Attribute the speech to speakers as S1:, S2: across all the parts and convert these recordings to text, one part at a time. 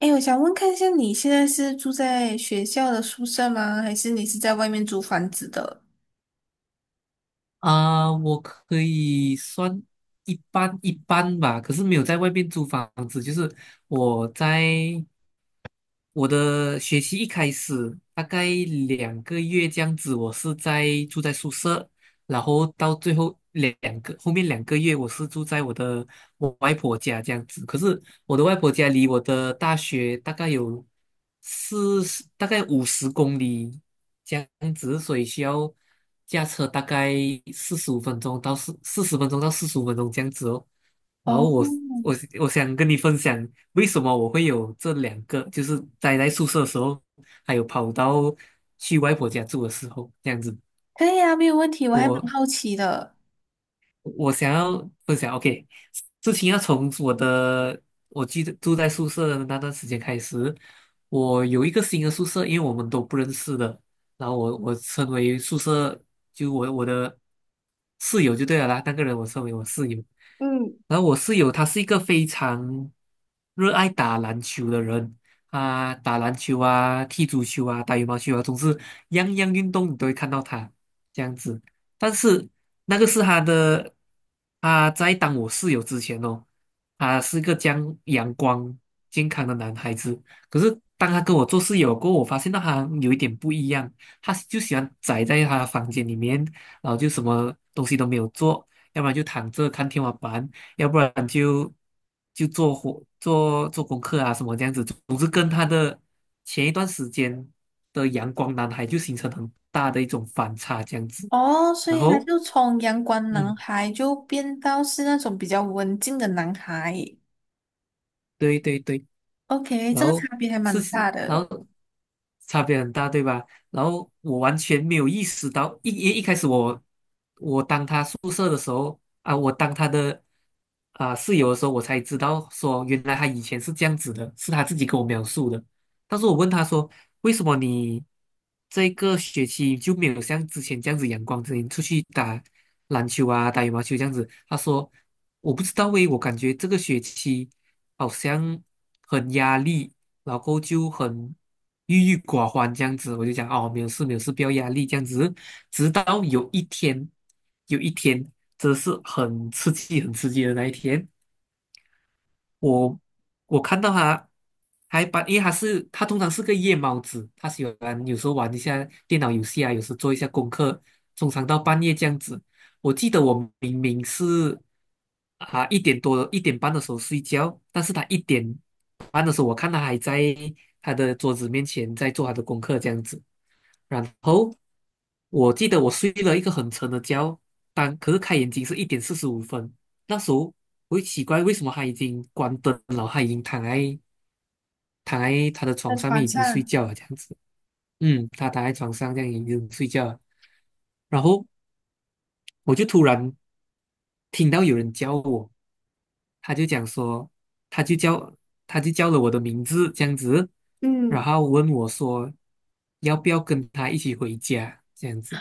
S1: 哎，我想问看一下，你现在是住在学校的宿舍吗？还是你是在外面租房子的？
S2: 我可以算一般一般吧。可是没有在外面租房子，就是我在我的学期一开始，大概两个月这样子，我是住在宿舍，然后到最后两个后面两个月，我是住在我外婆家这样子。可是我的外婆家离我的大学大概有四十，大概50公里这样子，所以需要驾车大概40分钟到45分钟这样子哦。然
S1: 哦，
S2: 后我想跟你分享，为什么我会有这2个，就是待在宿舍的时候，还有跑到去外婆家住的时候，这样子。
S1: 可以啊，没有问题。我还蛮
S2: 我
S1: 好奇的。
S2: 我想要分享，OK,事情要从我的，我记得住在宿舍的那段时间开始，我有一个新的宿舍，因为我们都不认识的，然后我称为宿舍，就我的室友就对了啦，那个人我称为我室友。
S1: 嗯，
S2: 然后我室友他是一个非常热爱打篮球的人，他打篮球啊，踢足球啊，打羽毛球啊，总是样样运动你都会看到他这样子。但是那个是他的，他在当我室友之前哦，他是个将阳光健康的男孩子。可是当他跟我做室友过后，我发现到他有一点不一样，他就喜欢宅在他的房间里面，然后就什么东西都没有做，要不然就躺着看天花板，要不然就做活做做功课啊什么这样子。总是跟他的前一段时间的阳光男孩就形成很大的一种反差这样子。
S1: 哦，所
S2: 然
S1: 以他
S2: 后
S1: 就从阳光男
S2: 嗯，
S1: 孩就变到是那种比较文静的男孩。
S2: 对对对。
S1: OK，
S2: 然
S1: 这个差
S2: 后
S1: 别还
S2: 事
S1: 蛮
S2: 实，
S1: 大
S2: 然
S1: 的。
S2: 后差别很大，对吧？然后我完全没有意识到，一开始我当他宿舍的时候啊，我当他的室友的时候，我才知道说原来他以前是这样子的，是他自己跟我描述的。但是我问他说，为什么你这个学期就没有像之前这样子阳光，之前出去打篮球啊、打羽毛球这样子？他说我不知道诶，我感觉这个学期好像很压力，然后就很郁郁寡欢这样子。我就讲哦，没有事，没有事，不要压力这样子。直到有一天，有一天，真的是很刺激、很刺激的那一天，我我看到他因为他通常是个夜猫子，它喜欢有时候玩一下电脑游戏啊，有时做一下功课，通常到半夜这样子。我记得我明明是一点半的时候睡觉，但是他一点半的时候，我看他还在他的桌子面前在做他的功课这样子。然后我记得我睡了一个很沉的觉，可是开眼睛是1:45。那时候我会奇怪，为什么他已经关灯了，他已经躺在他的
S1: 在
S2: 床上面
S1: 床
S2: 已经睡
S1: 上，
S2: 觉了，这样子。嗯，他躺在床上这样已经睡觉了。然后我就突然听到有人叫我，他就讲说，他就叫他就叫了我的名字这样子，然
S1: 嗯。
S2: 后问我说要不要跟他一起回家这样子。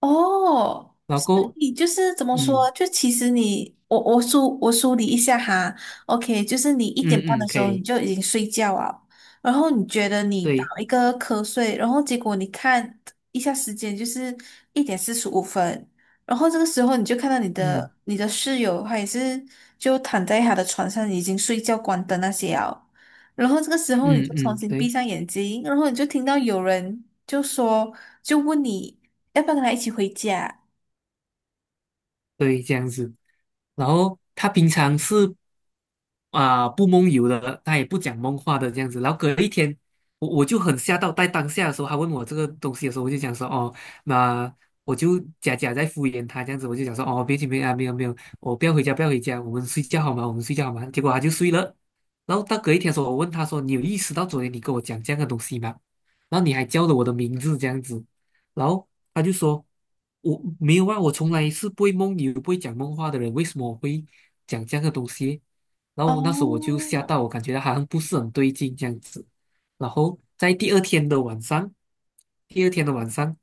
S1: 哦，
S2: 然后
S1: 所
S2: 过后，
S1: 以就是怎么
S2: 嗯
S1: 说？就其实你，我梳理一下哈，OK，就是你一点
S2: 嗯
S1: 半的
S2: 嗯，
S1: 时
S2: 可
S1: 候你
S2: 以，
S1: 就已经睡觉了，然后你觉得你打
S2: 对，
S1: 一个瞌睡，然后结果你看一下时间，就是1点45分，然后这个时候你就看到你
S2: 嗯
S1: 的你的室友，他也是就躺在他的床上已经睡觉关灯那些了，然后这个时候你
S2: 嗯
S1: 就重
S2: 嗯，
S1: 新闭
S2: 对。
S1: 上眼睛，然后你就听到有人就说，就问你。要不要跟他一起回家？
S2: 对，这样子。然后他平常是不梦游的，他也不讲梦话的这样子。然后隔一天，我就很吓到。在当下的时候，他问我这个东西的时候，我就讲说哦，那我就假假在敷衍他这样子。我就讲说哦，别紧别啊，没有没有，我不要回家不要回家，我们睡觉好吗？我们睡觉好吗？结果他就睡了。然后到隔一天的时候，我问他说，你有意识到昨天你跟我讲这样的东西吗？然后你还叫了我的名字这样子。然后他就说："我没有啊，我从来是不会梦游、不会讲梦话的人，为什么我会讲这样的东西？"然后那时候我就
S1: 哦，
S2: 吓到，我感觉好像不是很对劲这样子。然后在第二天的晚上，第二天的晚上，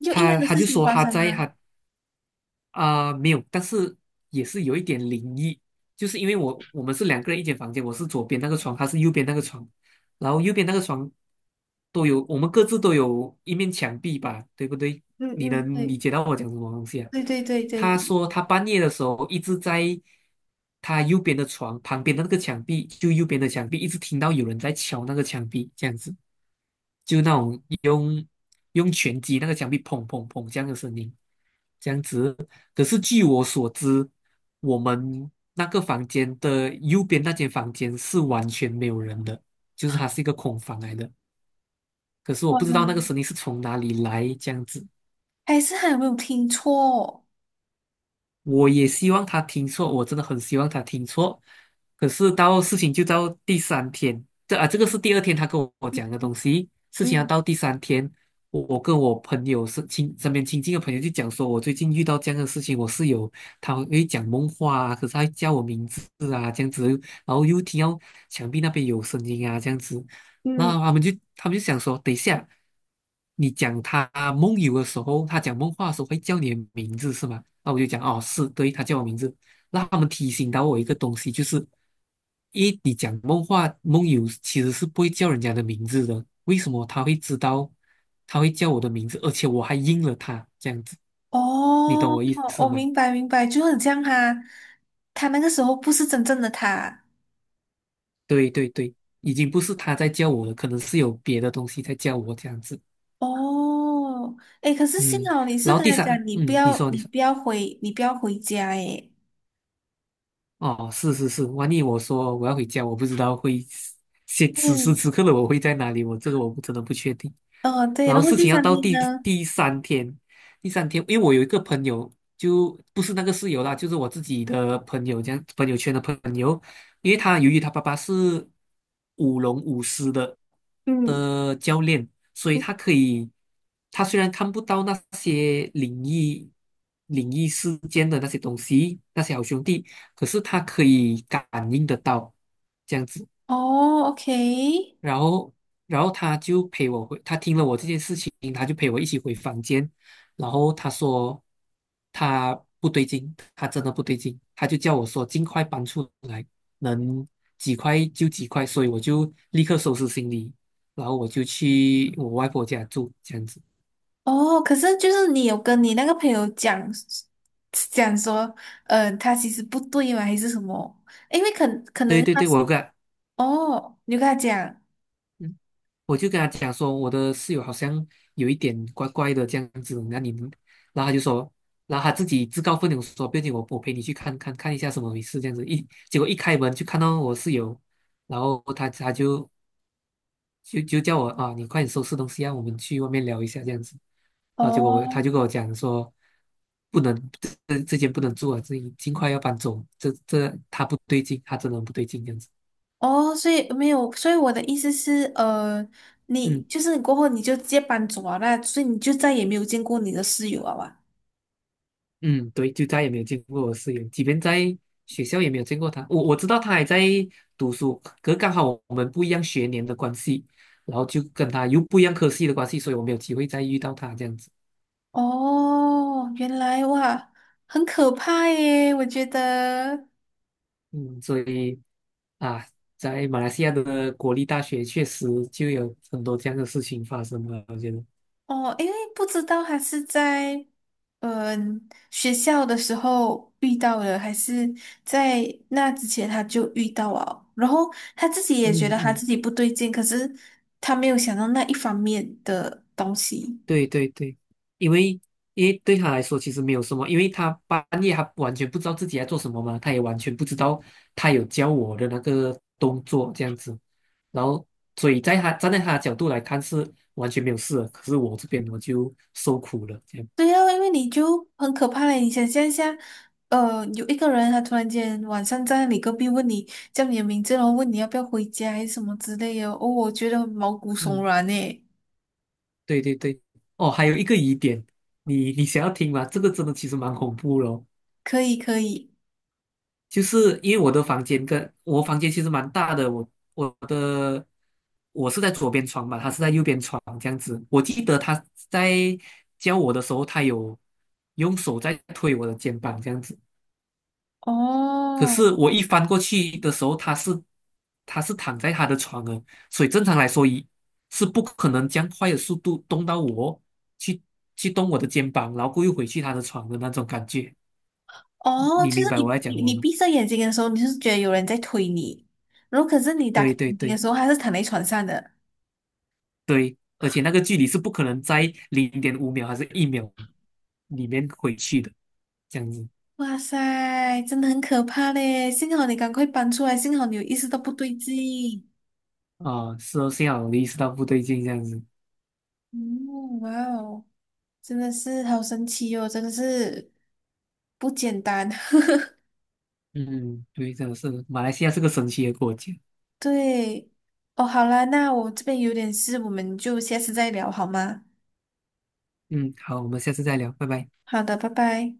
S1: 就一样
S2: 他
S1: 的
S2: 他
S1: 事
S2: 就
S1: 情
S2: 说
S1: 发
S2: 他
S1: 生
S2: 在
S1: 啊！
S2: 他啊、没有，但是也是有一点灵异。就是因为我们是2个人一间房间，我是左边那个床，他是右边那个床，然后右边那个床都有，我们各自都有一面墙壁吧，对不对？
S1: 嗯
S2: 你
S1: 嗯，
S2: 能理
S1: 对
S2: 解到我讲什么东西啊？
S1: 对对对对，
S2: 他
S1: 对
S2: 说他半夜的时候一直在他右边的床旁边的那个墙壁，就右边的墙壁，一直听到有人在敲那个墙壁，这样子，就那种。用拳击那个墙壁砰砰砰这样的声音，这样子。可是据我所知，我们那个房间的右边那间房间是完全没有人的，就是它是一个空房来的。可是我
S1: 哇，
S2: 不知道那个声音是从哪里来，这样子。
S1: 还是还有没有听错？
S2: 我也希望他听错，我真的很希望他听错。可是事情就到第三天，这个是第二天他跟我讲的东西。事情要
S1: 嗯
S2: 到第三天，我跟我朋友是亲身边亲近的朋友就讲说，我最近遇到这样的事情，我室友他会讲梦话啊，可是他会叫我名字啊，这样子，然后又听到墙壁那边有声音啊，这样子。然
S1: 嗯
S2: 后他们就想说，等一下，你讲他梦游的时候，他讲梦话的时候会叫你的名字是吗？那我就讲哦，是，对，他叫我名字。那他们提醒到我一个东西，就是你讲梦话梦游其实是不会叫人家的名字的，为什么他会知道他会叫我的名字，而且我还应了他这样子，你懂
S1: 哦，
S2: 我意思
S1: 我
S2: 吗？
S1: 明白明白，就很像他，他那个时候不是真正的他。
S2: 对对对，已经不是他在叫我了，可能是有别的东西在叫我这样子。
S1: 哦，诶，可是幸
S2: 嗯，
S1: 好你是
S2: 然后
S1: 跟
S2: 第
S1: 他
S2: 三，
S1: 讲，你不
S2: 嗯，你
S1: 要
S2: 说你
S1: 你
S2: 说。
S1: 不要回你不要回家，诶，
S2: 哦，是是是，万一我说我要回家，我不知道会现此时
S1: 对，
S2: 此刻的我会在哪里，我这个我不真的不确定。
S1: 哦对，
S2: 然后
S1: 然后
S2: 事
S1: 第
S2: 情要
S1: 三
S2: 到
S1: 天
S2: 第
S1: 呢？
S2: 第三天，第三天，因为我有一个朋友，就不是那个室友啦，就是我自己的朋友，这样朋友圈的朋友，因为他由于他爸爸是舞龙舞狮的
S1: 嗯
S2: 的教练，所以
S1: 嗯
S2: 他可以，他虽然看不到那些灵异事件的那些东西，那些好兄弟，可是他可以感应得到，这样子。
S1: 哦，OK，
S2: 然后，然后他就陪我回，他听了我这件事情，他就陪我一起回房间。然后他说他不对劲，他真的不对劲。他就叫我说尽快搬出来，能几块就几块。所以我就立刻收拾行李，然后我就去我外婆家住，这样子。
S1: 哦，可是就是你有跟你那个朋友讲讲说，他其实不对嘛，还是什么？因为可可
S2: 对
S1: 能
S2: 对
S1: 他
S2: 对，
S1: 是
S2: 我有个。
S1: 哦，你就跟他讲
S2: 嗯我就跟他讲说，我的室友好像有一点怪怪的这样子，那你们，然后他就说，然后他自己自告奋勇说，不行，我陪你去看一下什么回事这样子。结果一开门就看到我室友，然后他就叫我啊，你快点收拾东西让我们去外面聊一下这样子。然后结果他
S1: 哦
S2: 就跟我讲说，不能这这间不能住啊，这尽快要搬走，他不对劲，他真的很不对劲这样子。
S1: 哦，所以没有，所以我的意思是，你
S2: 嗯。
S1: 就是你过后你就直接搬走啊，那所以你就再也没有见过你的室友啊哇？
S2: 嗯，对，就再也没有见过我室友，即便在学校也没有见过他。我知道他还在读书，可是刚好我们不一样学年的关系，然后就跟他又不一样科系的关系，所以我没有机会再遇到他这样子。
S1: 哦，原来哇，很可怕耶，我觉得。
S2: 嗯，所以啊，在马来西亚的国立大学确实就有很多这样的事情发生了，我觉得。
S1: 哦，因为不知道他是在学校的时候遇到了，还是在那之前他就遇到了，然后他自己也
S2: 嗯
S1: 觉得他
S2: 嗯
S1: 自己不对劲，可是他没有想到那一方面的东西。
S2: 对对对，因为因为对他来说其实没有什么，因为他半夜他完全不知道自己在做什么嘛，他也完全不知道他有教我的那个动作这样子。然后所以站在他的角度来看是完全没有事的，可是我这边我就受苦了这样。
S1: 对啊，因为你就很可怕嘞，你想象一下，有一个人他突然间晚上在你隔壁问你叫你的名字，然后问你要不要回家还是什么之类的，哦，我觉得毛骨悚
S2: 嗯，
S1: 然诶。
S2: 对对对，哦，还有一个疑点，你想要听吗？这个真的其实蛮恐怖的哦。
S1: 可以可以，
S2: 就是因为我的房间跟我房间其实蛮大的，我的我是在左边床嘛，他是在右边床这样子。我记得他在教我的时候，他有用手在推我的肩膀这样子。可
S1: 哦，
S2: 是我一翻过去的时候，他是躺在他的床了，所以正常来说是不可能将快的速度动到我去去动我的肩膀，然后过又回去他的床的那种感觉。
S1: 哦，
S2: 你
S1: 就是
S2: 明白我
S1: 你
S2: 在讲
S1: 你
S2: 我
S1: 你
S2: 吗？
S1: 闭上眼睛的时候，你就是觉得有人在推你，然后可是你打开
S2: 对对
S1: 眼睛的
S2: 对。
S1: 时候，还是躺在床上的。
S2: 对，而且那个距离是不可能在0.5秒还是1秒里面回去的，这样子。
S1: 哇塞，真的很可怕嘞！幸好你赶快搬出来，幸好你有意识到不对劲。
S2: 啊，是哦，幸好我意识到不对劲，这样子。
S1: 嗯，哇哦，真的是好神奇哦，真的是不简单。
S2: 嗯，对，真的是马来西亚是个神奇的国家。
S1: 对，哦，好啦，那我这边有点事，我们就下次再聊好吗？
S2: 嗯，好，我们下次再聊，拜拜。
S1: 好的，拜拜。